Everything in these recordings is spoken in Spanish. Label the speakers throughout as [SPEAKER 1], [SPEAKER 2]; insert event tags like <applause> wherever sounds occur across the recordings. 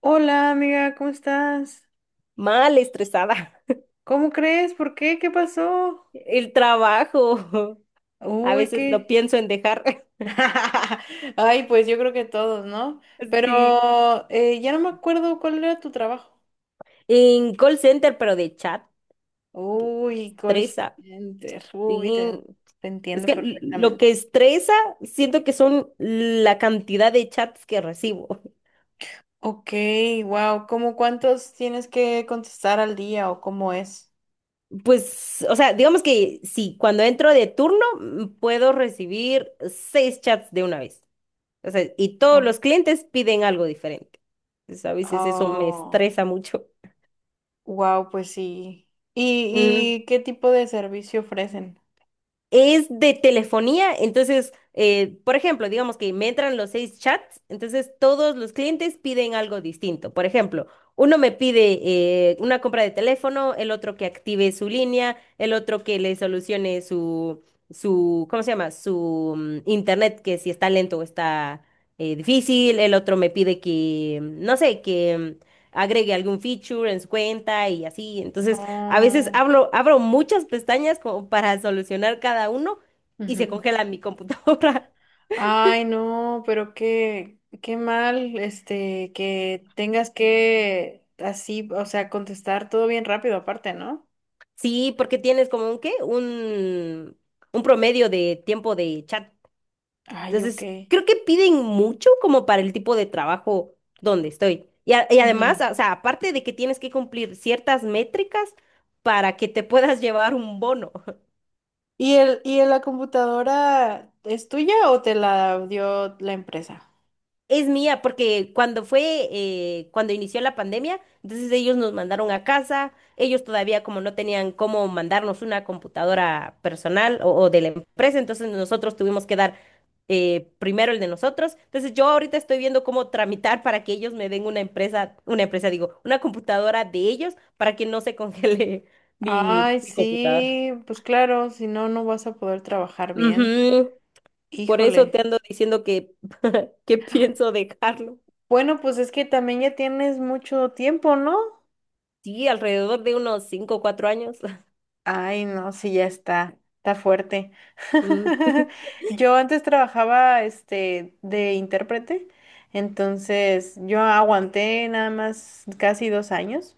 [SPEAKER 1] Hola amiga, ¿cómo estás?
[SPEAKER 2] Mal estresada.
[SPEAKER 1] ¿Cómo crees? ¿Por qué? ¿Qué pasó?
[SPEAKER 2] El trabajo. A
[SPEAKER 1] Uy,
[SPEAKER 2] veces lo
[SPEAKER 1] qué.
[SPEAKER 2] pienso en dejar. <laughs>
[SPEAKER 1] <laughs> Ay, pues yo creo que todos, ¿no?
[SPEAKER 2] Sí.
[SPEAKER 1] Pero ya no me acuerdo cuál era tu trabajo.
[SPEAKER 2] En call center, pero de chat,
[SPEAKER 1] Uy, call
[SPEAKER 2] estresa.
[SPEAKER 1] center.
[SPEAKER 2] Sí.
[SPEAKER 1] Te
[SPEAKER 2] Es
[SPEAKER 1] entiendo
[SPEAKER 2] que lo
[SPEAKER 1] perfectamente.
[SPEAKER 2] que estresa, siento que son la cantidad de chats que recibo.
[SPEAKER 1] Ok, wow. ¿Cómo cuántos tienes que contestar al día o cómo es?
[SPEAKER 2] Pues, o sea, digamos que sí, cuando entro de turno, puedo recibir seis chats de una vez. O sea, y todos los clientes piden algo diferente. Entonces, a veces eso me
[SPEAKER 1] Oh,
[SPEAKER 2] estresa mucho.
[SPEAKER 1] wow, pues sí. ¿Y,
[SPEAKER 2] Mm.
[SPEAKER 1] y qué tipo de servicio ofrecen?
[SPEAKER 2] Es de telefonía, entonces, por ejemplo, digamos que me entran los seis chats, entonces todos los clientes piden algo distinto. Por ejemplo, uno me pide una compra de teléfono, el otro que active su línea, el otro que le solucione ¿cómo se llama? Su internet, que si está lento o está difícil, el otro me pide que, no sé, que agregue algún feature en su cuenta y así. Entonces, a veces
[SPEAKER 1] Ah,
[SPEAKER 2] hablo abro muchas pestañas como para solucionar cada uno y se
[SPEAKER 1] ujú.
[SPEAKER 2] congela mi computadora. <laughs>
[SPEAKER 1] Ay, no, pero qué mal, este, que tengas que así, o sea, contestar todo bien rápido aparte, ¿no?
[SPEAKER 2] Sí, porque tienes como un promedio de tiempo de chat.
[SPEAKER 1] Ay, ok.
[SPEAKER 2] Entonces, creo que piden mucho como para el tipo de trabajo donde estoy. Y
[SPEAKER 1] Ujú.
[SPEAKER 2] además, o sea, aparte de que tienes que cumplir ciertas métricas para que te puedas <laughs> llevar un bono.
[SPEAKER 1] ¿Y y la computadora es tuya o te la dio la empresa?
[SPEAKER 2] Es mía, porque cuando inició la pandemia, entonces ellos nos mandaron a casa, ellos todavía como no tenían cómo mandarnos una computadora personal o de la empresa, entonces nosotros tuvimos que dar primero el de nosotros. Entonces yo ahorita estoy viendo cómo tramitar para que ellos me den una empresa, digo, una computadora de ellos para que no se congele <laughs> mi,
[SPEAKER 1] Ay,
[SPEAKER 2] mi computadora.
[SPEAKER 1] sí, pues claro, si no, no vas a poder trabajar bien.
[SPEAKER 2] Ujú. Por eso
[SPEAKER 1] Híjole.
[SPEAKER 2] te ando diciendo que, <laughs> que pienso dejarlo.
[SPEAKER 1] Bueno, pues es que también ya tienes mucho tiempo, ¿no?
[SPEAKER 2] Sí, alrededor de unos 5, o 4 años. <laughs>
[SPEAKER 1] Ay, no, sí, ya está, está fuerte.
[SPEAKER 2] Mm.
[SPEAKER 1] <laughs> Yo antes trabajaba, este, de intérprete, entonces yo aguanté nada más casi 2 años,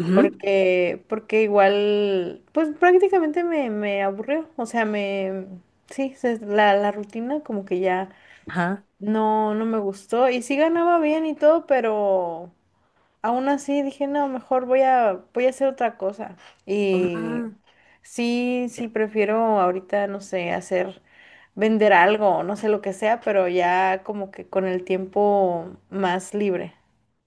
[SPEAKER 2] Ujú.
[SPEAKER 1] porque igual, pues prácticamente me aburrió, o sea, me, sí, la rutina como que ya
[SPEAKER 2] Ajá.
[SPEAKER 1] no me gustó, y sí ganaba bien y todo, pero aún así dije, no, mejor voy voy a hacer otra cosa. Y
[SPEAKER 2] Ah,
[SPEAKER 1] sí, sí,
[SPEAKER 2] pero-
[SPEAKER 1] prefiero ahorita, no sé, hacer, vender algo, no sé lo que sea, pero ya como que con el tiempo más libre.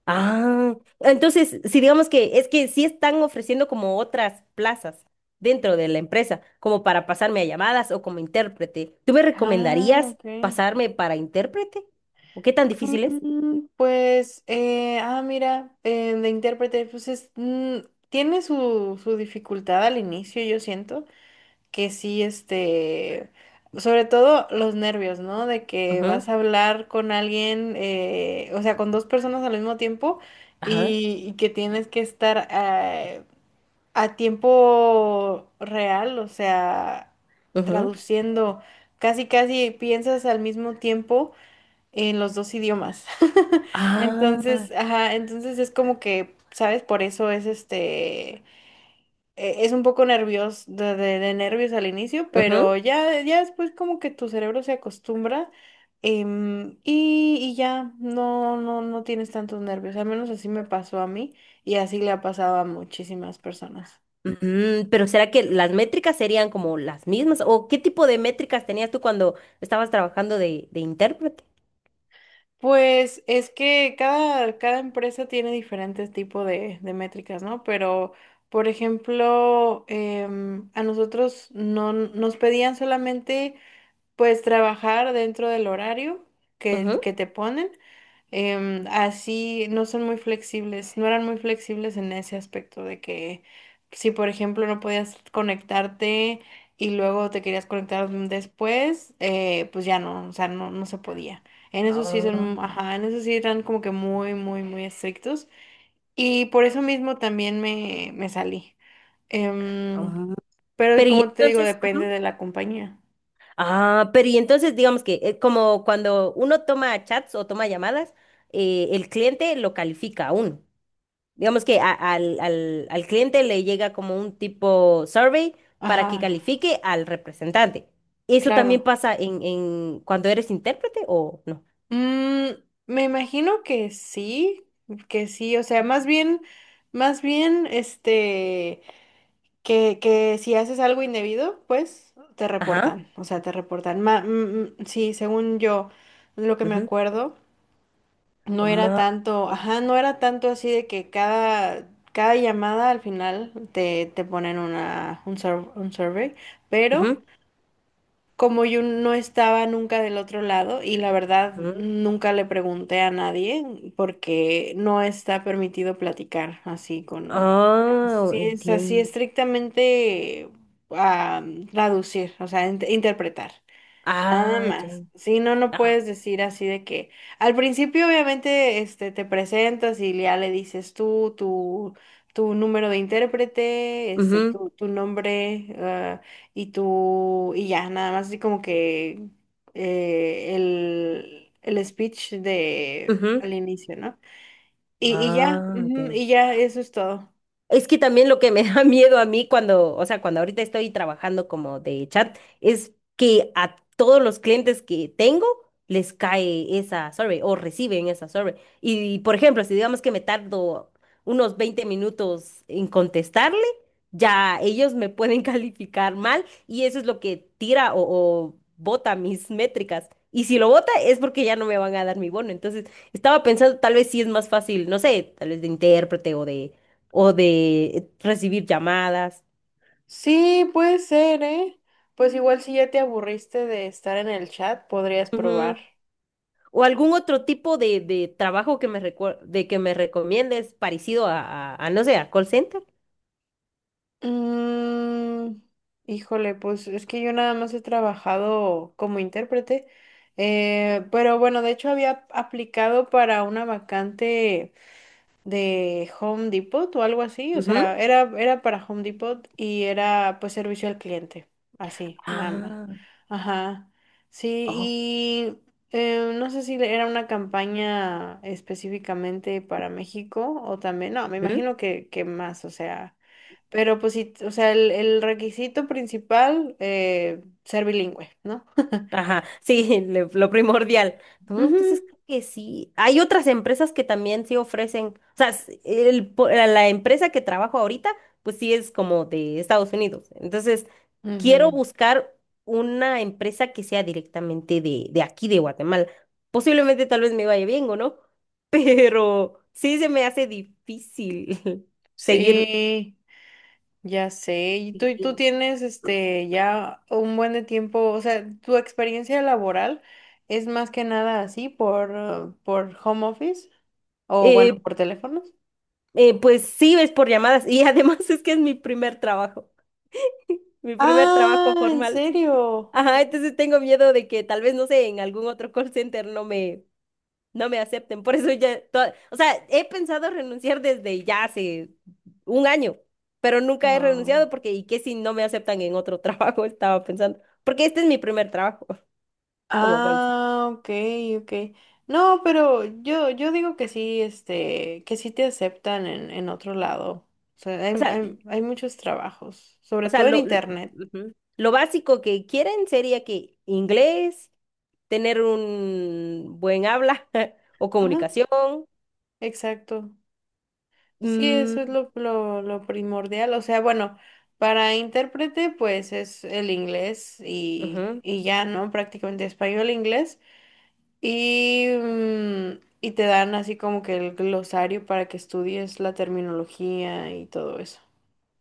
[SPEAKER 2] ah, entonces, si digamos que es que sí están ofreciendo como otras plazas dentro de la empresa, como para pasarme a llamadas o como intérprete. ¿Tú me
[SPEAKER 1] Ah,
[SPEAKER 2] recomendarías
[SPEAKER 1] ok.
[SPEAKER 2] pasarme para intérprete? ¿O qué tan difícil es?
[SPEAKER 1] Mira, de intérprete, pues es, tiene su dificultad al inicio, yo siento, que sí, este, sobre todo los nervios, ¿no? De que
[SPEAKER 2] Ujú.
[SPEAKER 1] vas a hablar con alguien, o sea, con dos personas al mismo tiempo
[SPEAKER 2] Ajá.
[SPEAKER 1] y que tienes que estar a tiempo real, o sea,
[SPEAKER 2] Ujú.
[SPEAKER 1] traduciendo, casi piensas al mismo tiempo en los dos idiomas. <laughs>
[SPEAKER 2] Ah,
[SPEAKER 1] Entonces, ajá, entonces es como que, ¿sabes? Por eso es es un poco nervioso, de nervios al inicio,
[SPEAKER 2] ujú.
[SPEAKER 1] pero ya después como que tu cerebro se acostumbra, y ya no tienes tantos nervios. Al menos así me pasó a mí y así le ha pasado a muchísimas personas.
[SPEAKER 2] Mm, pero ¿será que las métricas serían como las mismas? ¿O qué tipo de métricas tenías tú cuando estabas trabajando de intérprete?
[SPEAKER 1] Pues es que cada empresa tiene diferentes tipos de métricas, ¿no? Pero, por ejemplo, a nosotros no nos pedían solamente pues trabajar dentro del horario
[SPEAKER 2] Ujú.
[SPEAKER 1] que te ponen. Así no son muy flexibles, no eran muy flexibles en ese aspecto de que si por ejemplo no podías conectarte y luego te querías conectar después, pues ya no, o sea, no, no se podía. En eso sí
[SPEAKER 2] Ah,
[SPEAKER 1] son, ajá, en eso sí eran como que muy, muy, muy estrictos. Y por eso mismo también me salí. Em,
[SPEAKER 2] ah.
[SPEAKER 1] pero
[SPEAKER 2] Pero y
[SPEAKER 1] como te digo,
[SPEAKER 2] entonces,
[SPEAKER 1] depende
[SPEAKER 2] Ujú.
[SPEAKER 1] de la compañía.
[SPEAKER 2] Pero y entonces digamos que como cuando uno toma chats o toma llamadas, el cliente lo califica a uno. Digamos que al cliente le llega como un tipo survey para que
[SPEAKER 1] Ajá,
[SPEAKER 2] califique al representante. ¿Eso también
[SPEAKER 1] claro.
[SPEAKER 2] pasa en cuando eres intérprete o no?
[SPEAKER 1] Mm, me imagino que sí, o sea, más bien, este, que si haces algo indebido, pues te
[SPEAKER 2] Ajá.
[SPEAKER 1] reportan, o sea, te reportan. Sí, según yo, lo que me acuerdo, no era tanto,
[SPEAKER 2] Madre.
[SPEAKER 1] ajá, no era tanto así de que cada llamada al final te ponen un survey, pero
[SPEAKER 2] Ujú,
[SPEAKER 1] como yo no estaba nunca del otro lado y la verdad
[SPEAKER 2] ujú.
[SPEAKER 1] nunca le pregunté a nadie porque no está permitido platicar así con...
[SPEAKER 2] Ah,
[SPEAKER 1] Sí, es así
[SPEAKER 2] entiendo.
[SPEAKER 1] estrictamente a traducir, o sea, interpretar. Nada
[SPEAKER 2] Ah, ya.
[SPEAKER 1] más. Sí, no, no
[SPEAKER 2] Ah,
[SPEAKER 1] puedes decir así de que al principio obviamente este, te presentas y ya le dices tu número de intérprete, este,
[SPEAKER 2] ujú,
[SPEAKER 1] tu nombre, y tu, y ya, nada más así como que el speech de
[SPEAKER 2] ujú.
[SPEAKER 1] al inicio, ¿no? Y ya,
[SPEAKER 2] Ah, ya,
[SPEAKER 1] ujú, y
[SPEAKER 2] ya.
[SPEAKER 1] ya, eso es todo.
[SPEAKER 2] Es que también lo que me <laughs> da miedo a mí cuando, o sea, cuando ahorita estoy trabajando como de chat, es que a todos los clientes que tengo les cae esa survey o reciben esa survey. Y, por ejemplo, si digamos que me tardo unos 20 minutos en contestarle, ya ellos me pueden <laughs> calificar mal y eso es lo que tira o bota mis métricas. Y si lo bota es porque ya no me van a dar mi bono. Entonces, estaba pensando, tal vez sí es más fácil, no sé, tal vez de intérprete o de recibir llamadas.
[SPEAKER 1] Sí, puede ser, ¿eh? Pues igual si ya te aburriste de estar en el chat, podrías probar.
[SPEAKER 2] Ujú. O algún otro tipo de trabajo que me recomiendes parecido a, no sé, a call center.
[SPEAKER 1] Mm, híjole, pues es que yo nada más he trabajado como intérprete, pero bueno, de hecho había aplicado para una vacante de Home Depot o algo así, o sea,
[SPEAKER 2] Ujú.
[SPEAKER 1] era para Home Depot y era pues servicio al cliente, así, nada más.
[SPEAKER 2] Ah,
[SPEAKER 1] Ajá, sí,
[SPEAKER 2] oh.
[SPEAKER 1] y no sé si era una campaña específicamente para México o también, no, me imagino que más, o sea, pero pues sí, o sea, el requisito principal, ser bilingüe, ¿no? <laughs>
[SPEAKER 2] Ajá, sí, <laughs> lo primordial. ¿No? Entonces
[SPEAKER 1] Ujú,
[SPEAKER 2] creo que sí. Hay otras empresas que también sí ofrecen, o sea, s- el po- la la empresa que trabajo ahorita, pues sí es como de Estados Unidos. Entonces, quiero
[SPEAKER 1] ujú,
[SPEAKER 2] buscar una empresa que sea directamente de aquí, de Guatemala. Posiblemente tal vez me vaya bien o no, <laughs> pero sí se me hace difícil <laughs> seguir.
[SPEAKER 1] sí. Ya sé, y tú
[SPEAKER 2] Sí.
[SPEAKER 1] tienes este ya un buen de tiempo, o sea, tu experiencia laboral es más que nada así por home office o bueno,
[SPEAKER 2] Eh,
[SPEAKER 1] por teléfonos.
[SPEAKER 2] pues sí, es por llamadas y además <laughs> es que es mi primer trabajo. Mi primer trabajo
[SPEAKER 1] Ah, ¿en
[SPEAKER 2] formal, sí.
[SPEAKER 1] serio?
[SPEAKER 2] Ajá, entonces tengo miedo de que tal vez, no sé, en algún otro call center no me acepten. Por eso ya, o sea, he pensado renunciar desde ya hace un año, pero nunca he renunciado
[SPEAKER 1] Ah,
[SPEAKER 2] porque, ¿y qué si no me aceptan en otro <laughs> trabajo? Estaba pensando, porque este es mi primer trabajo <laughs> como call center.
[SPEAKER 1] ah, ok, ok. No, pero yo digo que sí, este, que sí te aceptan en otro lado. O sea,
[SPEAKER 2] O
[SPEAKER 1] hay,
[SPEAKER 2] sea,
[SPEAKER 1] hay, hay muchos trabajos,
[SPEAKER 2] o
[SPEAKER 1] sobre
[SPEAKER 2] sea,
[SPEAKER 1] todo en
[SPEAKER 2] lo
[SPEAKER 1] internet.
[SPEAKER 2] ujú. Lo básico que quieren sería que inglés, tener un buen habla <laughs> o
[SPEAKER 1] Ajá,
[SPEAKER 2] comunicación.
[SPEAKER 1] exacto. Sí, eso es
[SPEAKER 2] Mm,
[SPEAKER 1] lo primordial. O sea, bueno, para intérprete, pues es el inglés
[SPEAKER 2] ujú.
[SPEAKER 1] y ya, ¿no? Prácticamente español, inglés. Y, y te dan así como que el glosario para que estudies la terminología y todo eso.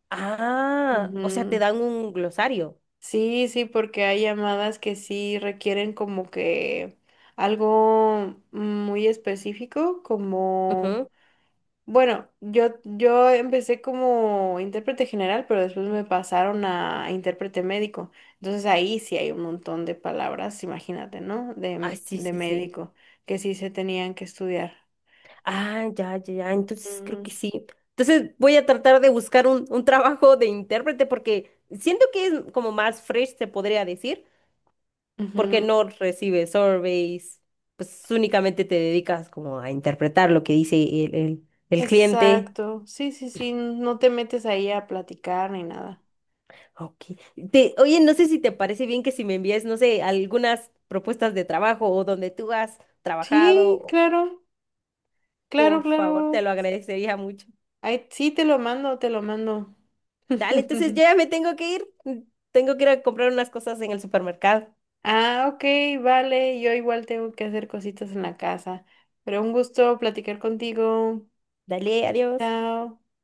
[SPEAKER 2] Ah, o sea,
[SPEAKER 1] Ujú.
[SPEAKER 2] te dan un glosario.
[SPEAKER 1] Sí, sí, porque hay llamadas que sí requieren como que algo muy específico, como...
[SPEAKER 2] Ujú.
[SPEAKER 1] Bueno, yo empecé como intérprete general, pero después me pasaron a intérprete médico. Entonces ahí sí hay un montón de palabras, imagínate, ¿no?
[SPEAKER 2] Ah, sí,
[SPEAKER 1] De
[SPEAKER 2] sí, sí.
[SPEAKER 1] médico, que sí se tenían que estudiar.
[SPEAKER 2] Ah, ya, ya, ya. Entonces creo que
[SPEAKER 1] Mm,
[SPEAKER 2] sí. Entonces voy a tratar de buscar un trabajo de intérprete porque siento que es como más fresh, se podría decir, porque
[SPEAKER 1] ujú.
[SPEAKER 2] no recibes surveys, pues únicamente te dedicas como a interpretar lo que dice el cliente.
[SPEAKER 1] Exacto. Sí, sí, sí. No te metes ahí a platicar ni nada.
[SPEAKER 2] Ok. Oye, no sé si te parece bien que si me envíes, no sé, algunas propuestas de trabajo o donde tú has
[SPEAKER 1] Sí,
[SPEAKER 2] trabajado.
[SPEAKER 1] claro, claro,
[SPEAKER 2] Por favor, te
[SPEAKER 1] claro.
[SPEAKER 2] lo agradecería mucho.
[SPEAKER 1] Ahí sí te lo mando, te lo mando.
[SPEAKER 2] Dale, entonces yo
[SPEAKER 1] <laughs>
[SPEAKER 2] ya me tengo que ir. Tengo que ir a comprar unas cosas en el supermercado.
[SPEAKER 1] Ah, ok, vale, yo igual tengo que hacer cositas en la casa, pero un gusto platicar contigo.
[SPEAKER 2] Dale, adiós.
[SPEAKER 1] Chao.